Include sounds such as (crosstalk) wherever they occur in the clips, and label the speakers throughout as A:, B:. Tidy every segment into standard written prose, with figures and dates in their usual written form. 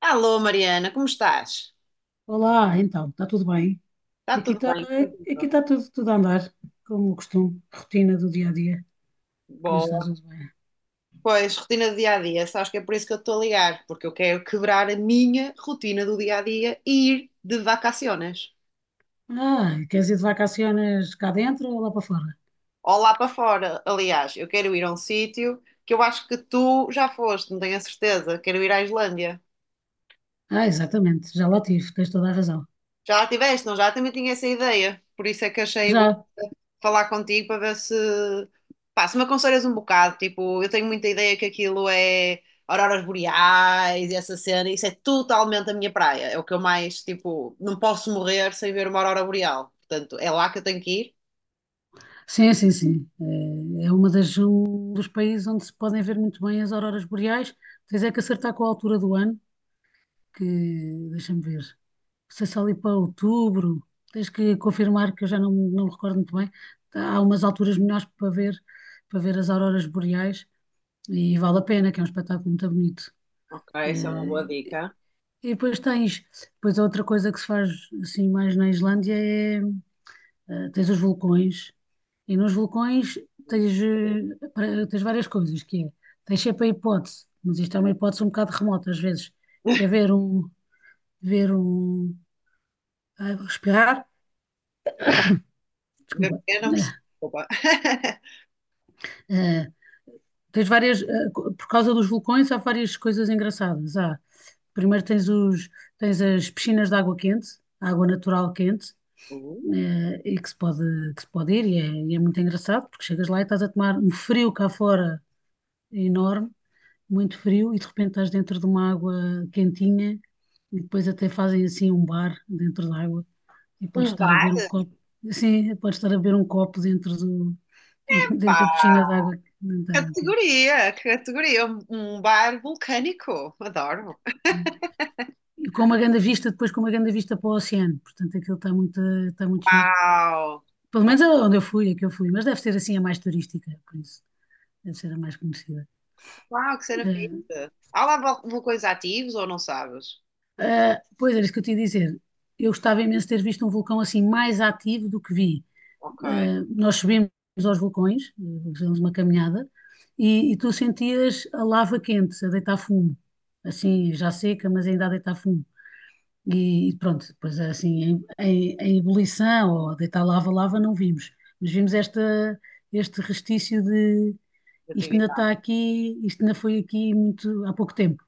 A: Alô, Mariana, como estás?
B: Olá, então, está tudo bem?
A: Está
B: Aqui
A: tudo
B: está,
A: bem?
B: aqui
A: Contigo?
B: está tudo a andar, como o costume, rotina do dia a dia, mas está
A: Boa.
B: tudo bem.
A: Pois, rotina do dia a dia, sabes que é por isso que eu estou a ligar, porque eu quero quebrar a minha rotina do dia a dia e ir de vacaciones.
B: Ah, queres ir de vacaciones cá dentro ou lá para fora?
A: Ou lá para fora, aliás, eu quero ir a um sítio que eu acho que tu já foste, não tenho a certeza. Quero ir à Islândia.
B: Ah, exatamente, já lá tive, tens toda a razão.
A: Já lá estiveste, não? Já também tinha essa ideia, por isso é que achei bom
B: Já,
A: falar contigo para ver se, pá, se me aconselhas um bocado. Tipo, eu tenho muita ideia que aquilo é auroras boreais e essa cena, isso é totalmente a minha praia. É o que eu mais, tipo, não posso morrer sem ver uma aurora boreal. Portanto, é lá que eu tenho que ir.
B: sim, sim, sim. É uma das, um dos países onde se podem ver muito bem as auroras boreais, tens é que acertar com a altura do ano, que deixa-me ver. Não sei se ali para outubro, tens que confirmar que eu já não, me recordo muito bem. Há umas alturas melhores para ver as auroras boreais e vale a pena, que é um espetáculo muito bonito.
A: Ok, essa é uma boa
B: Eh,
A: dica.
B: E depois depois outra coisa que se faz assim mais na Islândia é, tens os vulcões e nos vulcões tens várias coisas, que é, tens sempre a hipótese, mas isto é uma hipótese um bocado remota às vezes, que é ver um, ai, vou respirar,
A: Ver o
B: desculpa.
A: quê? Não percebo. Opa. (laughs)
B: É, tens várias, por causa dos vulcões, há várias coisas engraçadas. Há, primeiro tens os, tens as piscinas de água quente, água natural quente,
A: Uh,
B: e que se pode ir, e é muito engraçado, porque chegas lá e estás a tomar um frio cá fora enorme, muito frio, e de repente estás dentro de uma água quentinha, e depois até fazem assim um bar dentro da água, e podes
A: Um
B: estar a
A: bar?
B: beber um copo, assim, podes estar a beber um copo dentro do, (laughs) dentro da
A: Pá,
B: piscina de água quente.
A: categoria, categoria. Um bar vulcânico. Adoro.
B: E com uma grande vista, depois com uma grande vista para o oceano. Portanto, aquilo está muito giro.
A: Uau,
B: Pelo menos é onde eu fui, é que eu fui, mas deve ser assim a mais turística, por isso. Deve ser a mais conhecida.
A: uau, que cena
B: Eh,
A: fixe. Há lá vulcões ativos ou não sabes?
B: pois era isso que eu te ia dizer. Eu gostava imenso de ter visto um vulcão assim mais ativo do que vi.
A: Ok,
B: Nós subimos aos vulcões, fizemos uma caminhada, e tu sentias a lava quente a deitar fumo. Assim, já seca, mas ainda a deitar fumo. E pronto, depois assim, em ebulição ou deitar lava, não vimos. Mas vimos esta, este restício de isto ainda
A: atividade.
B: está aqui, isto ainda foi aqui muito há pouco tempo.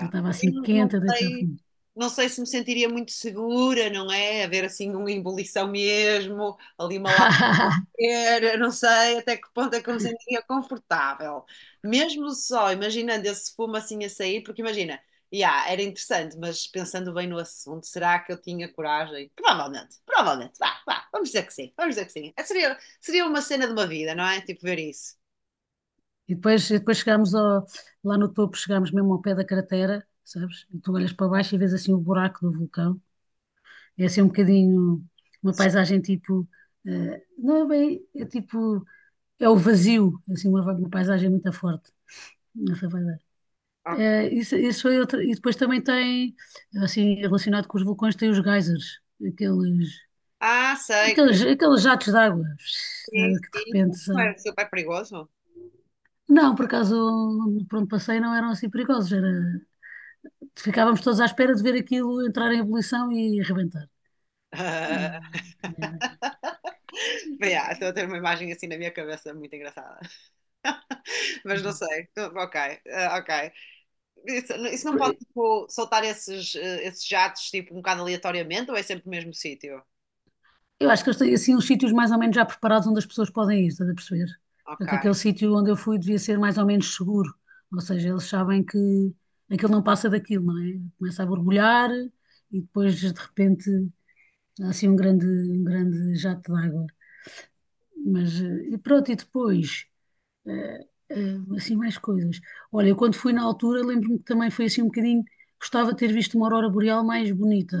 B: Eu estava
A: Também
B: assim
A: não, não
B: quente a deitar
A: sei,
B: fundo.
A: não sei se me sentiria muito segura, não é? Haver assim uma ebulição mesmo, ali uma.
B: (laughs)
A: Eu não sei até que ponto é que eu me sentia confortável. Mesmo só imaginando esse fumo assim a sair, porque imagina, yeah, era interessante, mas pensando bem no assunto, será que eu tinha coragem? Provavelmente, provavelmente, vá, vá, vamos dizer que sim, vamos dizer que sim. É, seria uma cena de uma vida, não é? Tipo, ver isso.
B: E depois chegámos lá no topo, chegámos mesmo ao pé da cratera, sabes? E tu olhas para baixo e vês assim o buraco do vulcão. É assim um bocadinho uma paisagem tipo, não é bem, é tipo, é o vazio, assim uma, paisagem muito forte. Não vai dar.
A: Ok.
B: É, isso foi outra. E depois também tem, assim, relacionado com os vulcões, tem os geysers, aqueles,
A: Ah, sei que
B: aqueles jatos de
A: sim,
B: água que de
A: sim.
B: repente
A: Não
B: sai.
A: era super perigoso.
B: Não, por acaso, por onde passei não eram assim perigosos, era, ficávamos todos à espera de ver aquilo entrar em ebulição e arrebentar. E
A: (laughs)
B: também-
A: Yeah, estou a ter uma imagem assim na minha cabeça muito engraçada, mas não
B: e
A: sei. Ok, ah, ok. Isso não pode,
B: pronto.
A: tipo, soltar esses jatos, tipo, um bocado aleatoriamente ou é sempre no mesmo sítio?
B: Eu acho que eles têm assim uns sítios mais ou menos já preparados onde as pessoas podem ir, estás a perceber?
A: Ok,
B: Portanto, aquele sítio onde eu fui devia ser mais ou menos seguro. Ou seja, eles sabem que aquilo não passa daquilo, não é? Começa a borbulhar e depois de repente há assim um grande, jato de água. Mas e pronto, e depois eh, assim mais coisas. Olha, eu quando fui na altura lembro-me que também foi assim um bocadinho, gostava de ter visto uma aurora boreal mais bonita,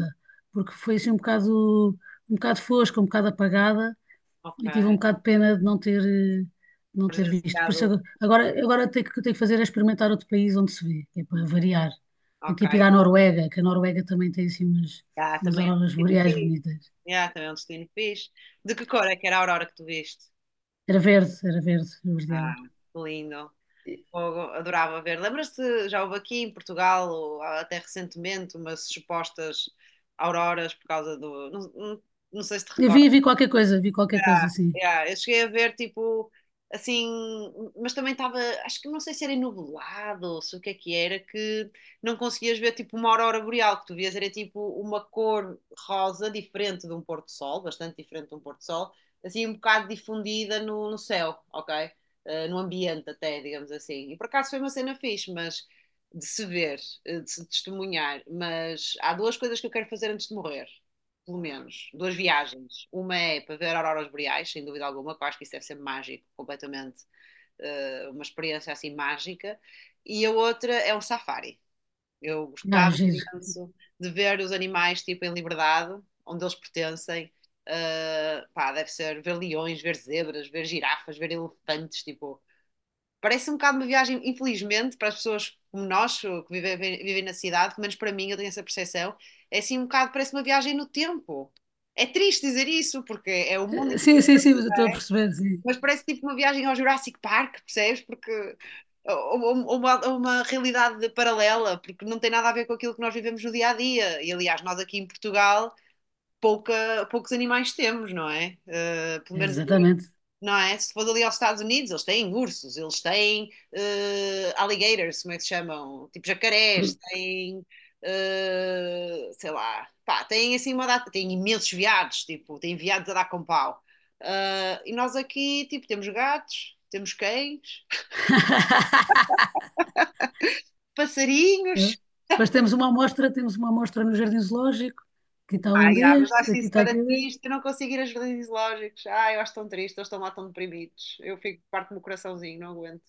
B: porque foi assim um bocado fosca, um bocado apagada. Eu tive um
A: ok.
B: bocado de pena de não ter, de não ter visto. Por isso
A: Presenciado,
B: agora o que tenho que fazer é experimentar outro país onde se vê, que é para variar. Tenho que ir para a
A: ok.
B: Noruega, que a Noruega também tem assim umas,
A: Ah,
B: umas
A: também é um
B: auroras
A: destino
B: boreais
A: fixe.
B: bonitas.
A: Yeah, também é um destino fixe. De que cor é que era a aurora que tu viste?
B: Era verde, verdeada.
A: Ah, que lindo. Fogo, adorava ver. Lembras-te, já houve aqui em Portugal, ou até recentemente, umas supostas auroras por causa do. Não, não, não sei se te
B: Eu
A: recordas.
B: vi qualquer coisa, vi qualquer coisa
A: Yeah,
B: assim.
A: yeah. Eu cheguei a ver, tipo, assim, mas também estava, acho que não sei se era nublado ou se o que é que era, que não conseguias ver, tipo, uma aurora boreal, que tu vias era, tipo, uma cor rosa diferente de um pôr-do-sol, bastante diferente de um pôr-do-sol, assim, um bocado difundida no céu, ok? No ambiente até, digamos assim. E por acaso foi uma cena fixe, mas de se ver, de se testemunhar, mas há duas coisas que eu quero fazer antes de morrer pelo menos, duas viagens. Uma é para ver auroras boreais, sem dúvida alguma, que eu acho que isso deve ser mágico, completamente, uma experiência assim mágica. E a outra é o safari. Eu
B: Ah,
A: gostava
B: giro.
A: imenso de ver os animais tipo em liberdade, onde eles pertencem. Pá, deve ser ver leões, ver zebras, ver girafas, ver elefantes, tipo, parece um bocado uma viagem, infelizmente, para as pessoas como nós, que vivem na cidade, pelo menos para mim, eu tenho essa percepção, é assim um bocado, parece uma viagem no tempo. É triste dizer isso, porque é o mundo
B: Sim,
A: inteiro,
B: sim, sim, mas eu estou a perceber, sim.
A: mas parece tipo uma viagem ao Jurassic Park, percebes? Porque ou uma realidade paralela, porque não tem nada a ver com aquilo que nós vivemos no dia a dia. E aliás, nós aqui em Portugal poucos animais temos, não é? Pelo menos
B: Exatamente.
A: não é? Se fores ali aos Estados Unidos, eles têm ursos, eles têm alligators, como é que se chamam? Tipo jacarés,
B: Cru-
A: têm, sei lá, pá, têm assim uma data, têm imensos veados, tipo, têm veados a dar com pau. Ah, e nós aqui, tipo, temos gatos, temos cães, (laughs)
B: (laughs) Eu-
A: passarinhos.
B: Depois temos uma amostra no Jardim Zoológico. Aqui está
A: Ai, ah,
B: um
A: yeah, mas
B: destes,
A: acho
B: aqui
A: isso
B: está
A: para
B: aquele.
A: triste, eu não consigo ir a jardins zoológicos. Ai, eu acho tão triste, eles estão lá tão deprimidos. Eu fico, parte do meu coraçãozinho, não aguento.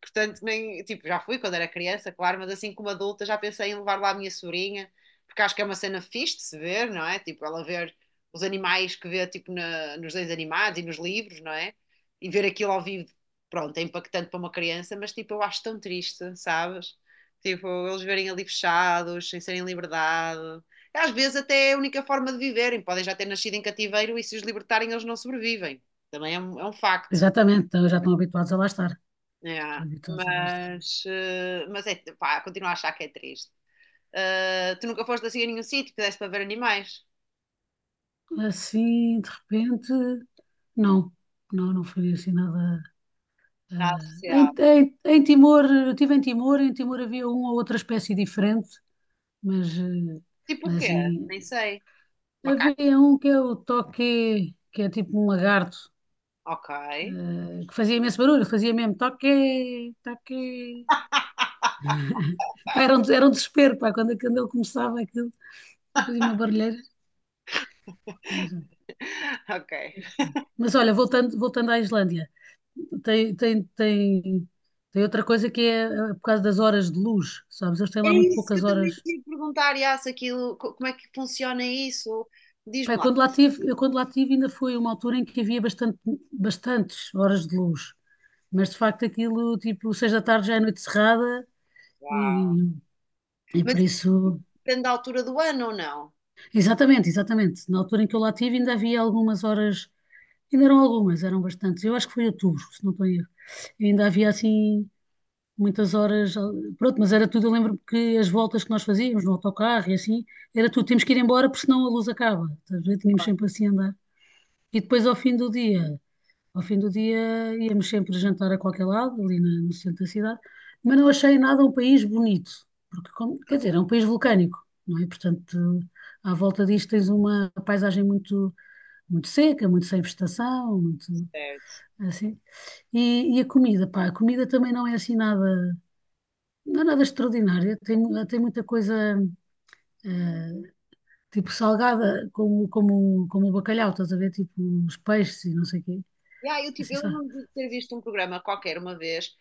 A: Portanto, nem, tipo, já fui quando era criança, claro, mas assim como adulta já pensei em levar lá a minha sobrinha, porque acho que é uma cena fixe de se ver, não é? Tipo, ela ver os animais que vê, tipo, na, nos desenhos animados e nos livros, não é? E ver aquilo ao vivo, pronto, é impactante para uma criança, mas tipo, eu acho tão triste, sabes? Tipo, eles verem ali fechados, sem serem em liberdade. Às vezes até é a única forma de viverem, podem já ter nascido em cativeiro e se os libertarem eles não sobrevivem. Também é um facto.
B: Exatamente, então já estão habituados a lá estar.
A: É,
B: Estão habituados a lá estar.
A: mas, mas é, pá, continuo a achar que é triste. Tu nunca foste assim a nenhum sítio que desse para ver animais
B: Assim, de repente, não, não, não foi assim nada.
A: na
B: eh, em,
A: sociedade.
B: em, em Timor, eu estive em Timor havia uma ou outra espécie diferente, mas, eh,
A: Tipo o
B: mas
A: quê?
B: assim,
A: Nem sei. Macaco?
B: havia um que é o toque, que é tipo um lagarto,
A: Ok.
B: que fazia imenso barulho, fazia mesmo toque, toque.
A: (laughs)
B: Pá, era um desespero, pá, quando ele começava aquilo, fazia uma barulheira.
A: Ok.
B: Mas olha, voltando à Islândia. tem, tem, tem, tem outra coisa que é por causa das horas de luz, sabes? Eles têm lá
A: Era
B: muito
A: isso que
B: poucas
A: eu também te
B: horas.
A: ia perguntar, Yas, aquilo, como é que funciona isso? Diz-me
B: Pá, eu
A: lá.
B: quando lá tive, eu quando lá tive ainda foi uma altura em que havia bastante, bastantes horas de luz, mas de facto aquilo, tipo, 6 da tarde já é noite cerrada
A: Uau.
B: e, e
A: Mas
B: por
A: isso
B: isso...
A: depende da altura do ano ou não?
B: Exatamente, exatamente. Na altura em que eu lá tive ainda havia algumas horas, ainda eram algumas, eram bastantes. Eu acho que foi outubro, se não estou a erro. Ainda havia assim muitas horas, ah, pronto, mas era tudo, eu lembro-me que as voltas que nós fazíamos no autocarro e assim, era tudo, temos que ir embora porque senão a luz acaba, estás a ver? Tínhamos sempre assim a andar. E depois ao fim do dia, ao fim do dia íamos sempre jantar a qualquer lado, ali no centro da cidade, mas não achei nada um país bonito, porque, quer dizer, é um país vulcânico, não é? Portanto, à volta disto tens uma paisagem muito, muito seca, muito sem vegetação, muito
A: Certo.
B: assim. E a comida, pá, a comida também não é assim nada. Não é nada extraordinário. Tem muita coisa, eh, tipo salgada, como o bacalhau, estás a ver? Tipo os peixes e não sei o quê.
A: E aí,
B: É
A: tipo,
B: assim,
A: eu
B: sabe?
A: lembro-me de ter visto um programa qualquer uma vez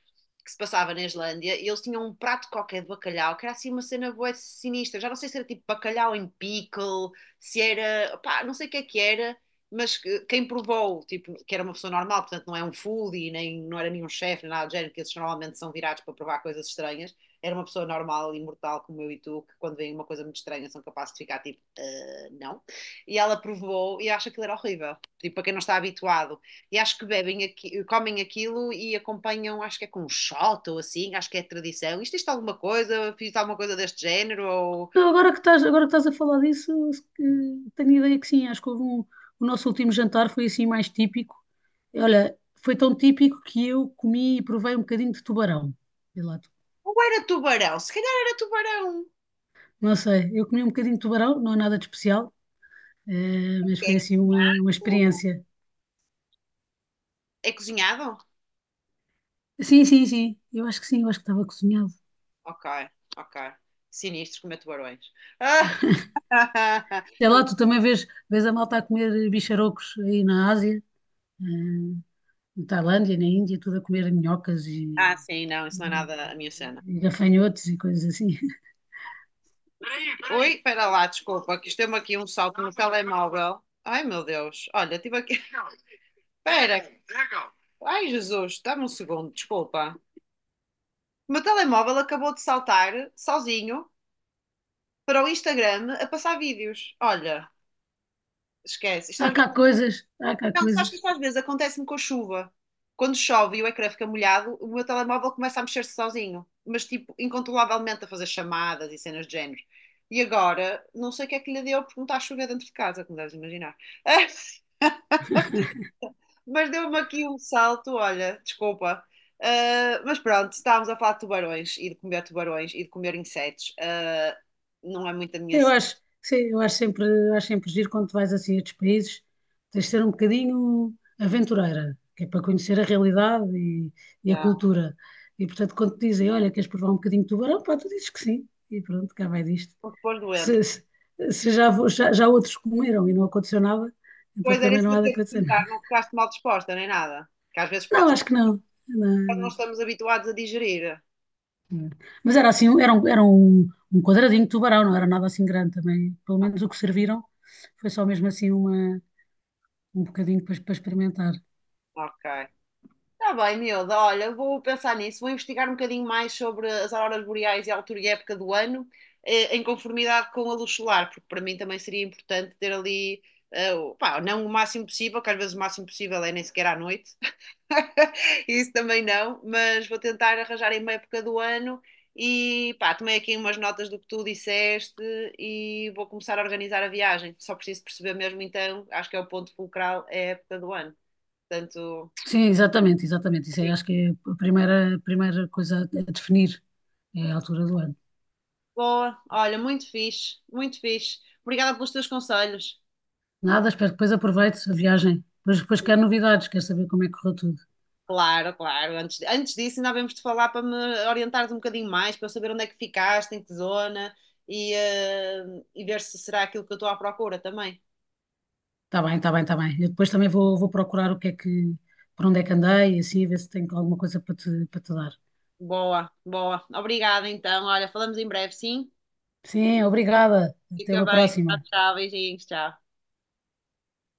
A: que se passava na Islândia e eles tinham um prato qualquer de bacalhau que era assim uma cena boa sinistra. Já não sei se era tipo bacalhau em pickle, se era, pá, não sei o que é que era, mas quem provou, tipo, que era uma pessoa normal, portanto não é um foodie, nem não era nenhum chefe, nem nada do género, que esses normalmente são virados para provar coisas estranhas. Era uma pessoa normal e mortal como eu e tu, que quando vem uma coisa muito estranha são capazes de ficar tipo, "Ah, não." E ela provou e acha que aquilo era horrível. Tipo, para quem não está habituado. E acho que bebem aqui, comem aquilo e acompanham, acho que é com um shot ou assim, acho que é tradição. Isto alguma coisa, fiz alguma coisa deste género, ou,
B: Não, agora que estás a falar disso, se que- tenho ideia que sim. Acho que houve um, o nosso último jantar foi assim mais típico. Olha, foi tão típico que eu comi e provei um bocadinho de tubarão. Sei lá,
A: ou era tubarão, se calhar era tubarão.
B: não sei, eu comi um bocadinho de tubarão, não é nada de especial,
A: É
B: mas foi assim uma
A: cozinhado?
B: experiência.
A: É cozinhado?
B: Sim, sim, sim. Eu acho que sim, eu acho que estava cozinhado.
A: Ok, ok. Sinistro comer tubarões. Ah, (laughs)
B: Sei lá,
A: Ele-
B: tu também vês a malta a comer bicharocos aí na Ásia, eh, na Tailândia, na Índia, tudo a comer minhocas
A: ah, sim, não, isso não é
B: e,
A: nada a minha cena.
B: e gafanhotos e coisas assim. (laughs)
A: Oi, espera lá, desculpa, que isto deu-me aqui um salto no telemóvel. Ai meu Deus, olha, tive aqui. Espera. Legal. Ai, Jesus, dá-me um segundo, desculpa. O meu telemóvel acabou de saltar sozinho para o Instagram a passar vídeos. Olha, esquece. Isto às
B: Há cá
A: vezes.
B: coisas, há cá
A: Não, sabes que
B: coisas.
A: isto às vezes acontece-me com a chuva. Quando chove e o ecrã fica molhado, o meu telemóvel começa a mexer-se sozinho, mas tipo, incontrolavelmente a fazer chamadas e cenas de género. E agora, não sei o que é que lhe deu porque não está a chover dentro de casa, como deves imaginar. (laughs) Mas deu-me aqui um salto, olha, desculpa. Ah, mas pronto, estávamos a falar de tubarões e de comer tubarões e de comer insetos. Ah, não é muito a
B: Sim,
A: minha
B: eu
A: cena.
B: acho, sim, eu acho sempre giro quando tu vais assim a estes países, tens de ser um bocadinho aventureira, que é para conhecer a realidade e a cultura. E portanto, quando te dizem, olha, queres provar um bocadinho de tubarão, pá, tu dizes que sim, e pronto, cá vai disto.
A: Porque depois doente.
B: Se, se- se já outros comeram e não aconteceu nada, então
A: Pois era
B: também
A: isso
B: não
A: que eu
B: há de
A: tinha de
B: acontecer.
A: perguntar, não ficaste mal disposta nem nada. Que às vezes pode
B: Não,
A: ser
B: acho que não.
A: que não
B: Não,
A: estamos habituados a digerir.
B: não. Mas era assim, um quadradinho de tubarão, não era nada assim grande também. Pelo
A: Ah,
B: menos o que serviram foi só mesmo assim uma um bocadinho depois para experimentar.
A: ok. Está bem, miúda. Olha, eu vou pensar nisso, vou investigar um bocadinho mais sobre as auroras boreais e a altura e época do ano, em conformidade com a luz solar, porque para mim também seria importante ter ali, pá, não o máximo possível, que às vezes o máximo possível é nem sequer à noite, (laughs) isso também não, mas vou tentar arranjar em uma época do ano e, pá, tomei aqui umas notas do que tu disseste e vou começar a organizar a viagem. Só preciso perceber mesmo então, acho que é o ponto fulcral, é a época do ano. Portanto,
B: Sim, exatamente, exatamente. Isso aí acho que é a primeira coisa a definir, é a altura do ano.
A: boa, olha, muito fixe, muito fixe. Obrigada pelos teus conselhos.
B: Nada, espero que depois aproveite a viagem. Depois quero novidades, quero saber como é que correu tudo.
A: Claro, claro. Antes disso, ainda havemos de falar para me orientares um bocadinho mais, para eu saber onde é que ficaste, em que zona e, e ver se será aquilo que eu estou à procura também.
B: Está bem, está bem, está bem. Eu depois também vou procurar o que é que, por onde é que andei e assim, ver se tenho alguma coisa para te, dar.
A: Boa, boa. Obrigada então. Olha, falamos em breve, sim?
B: Sim, obrigada. Até
A: Fica
B: uma
A: bem. Tchau,
B: próxima.
A: tchau. Beijinhos, tchau.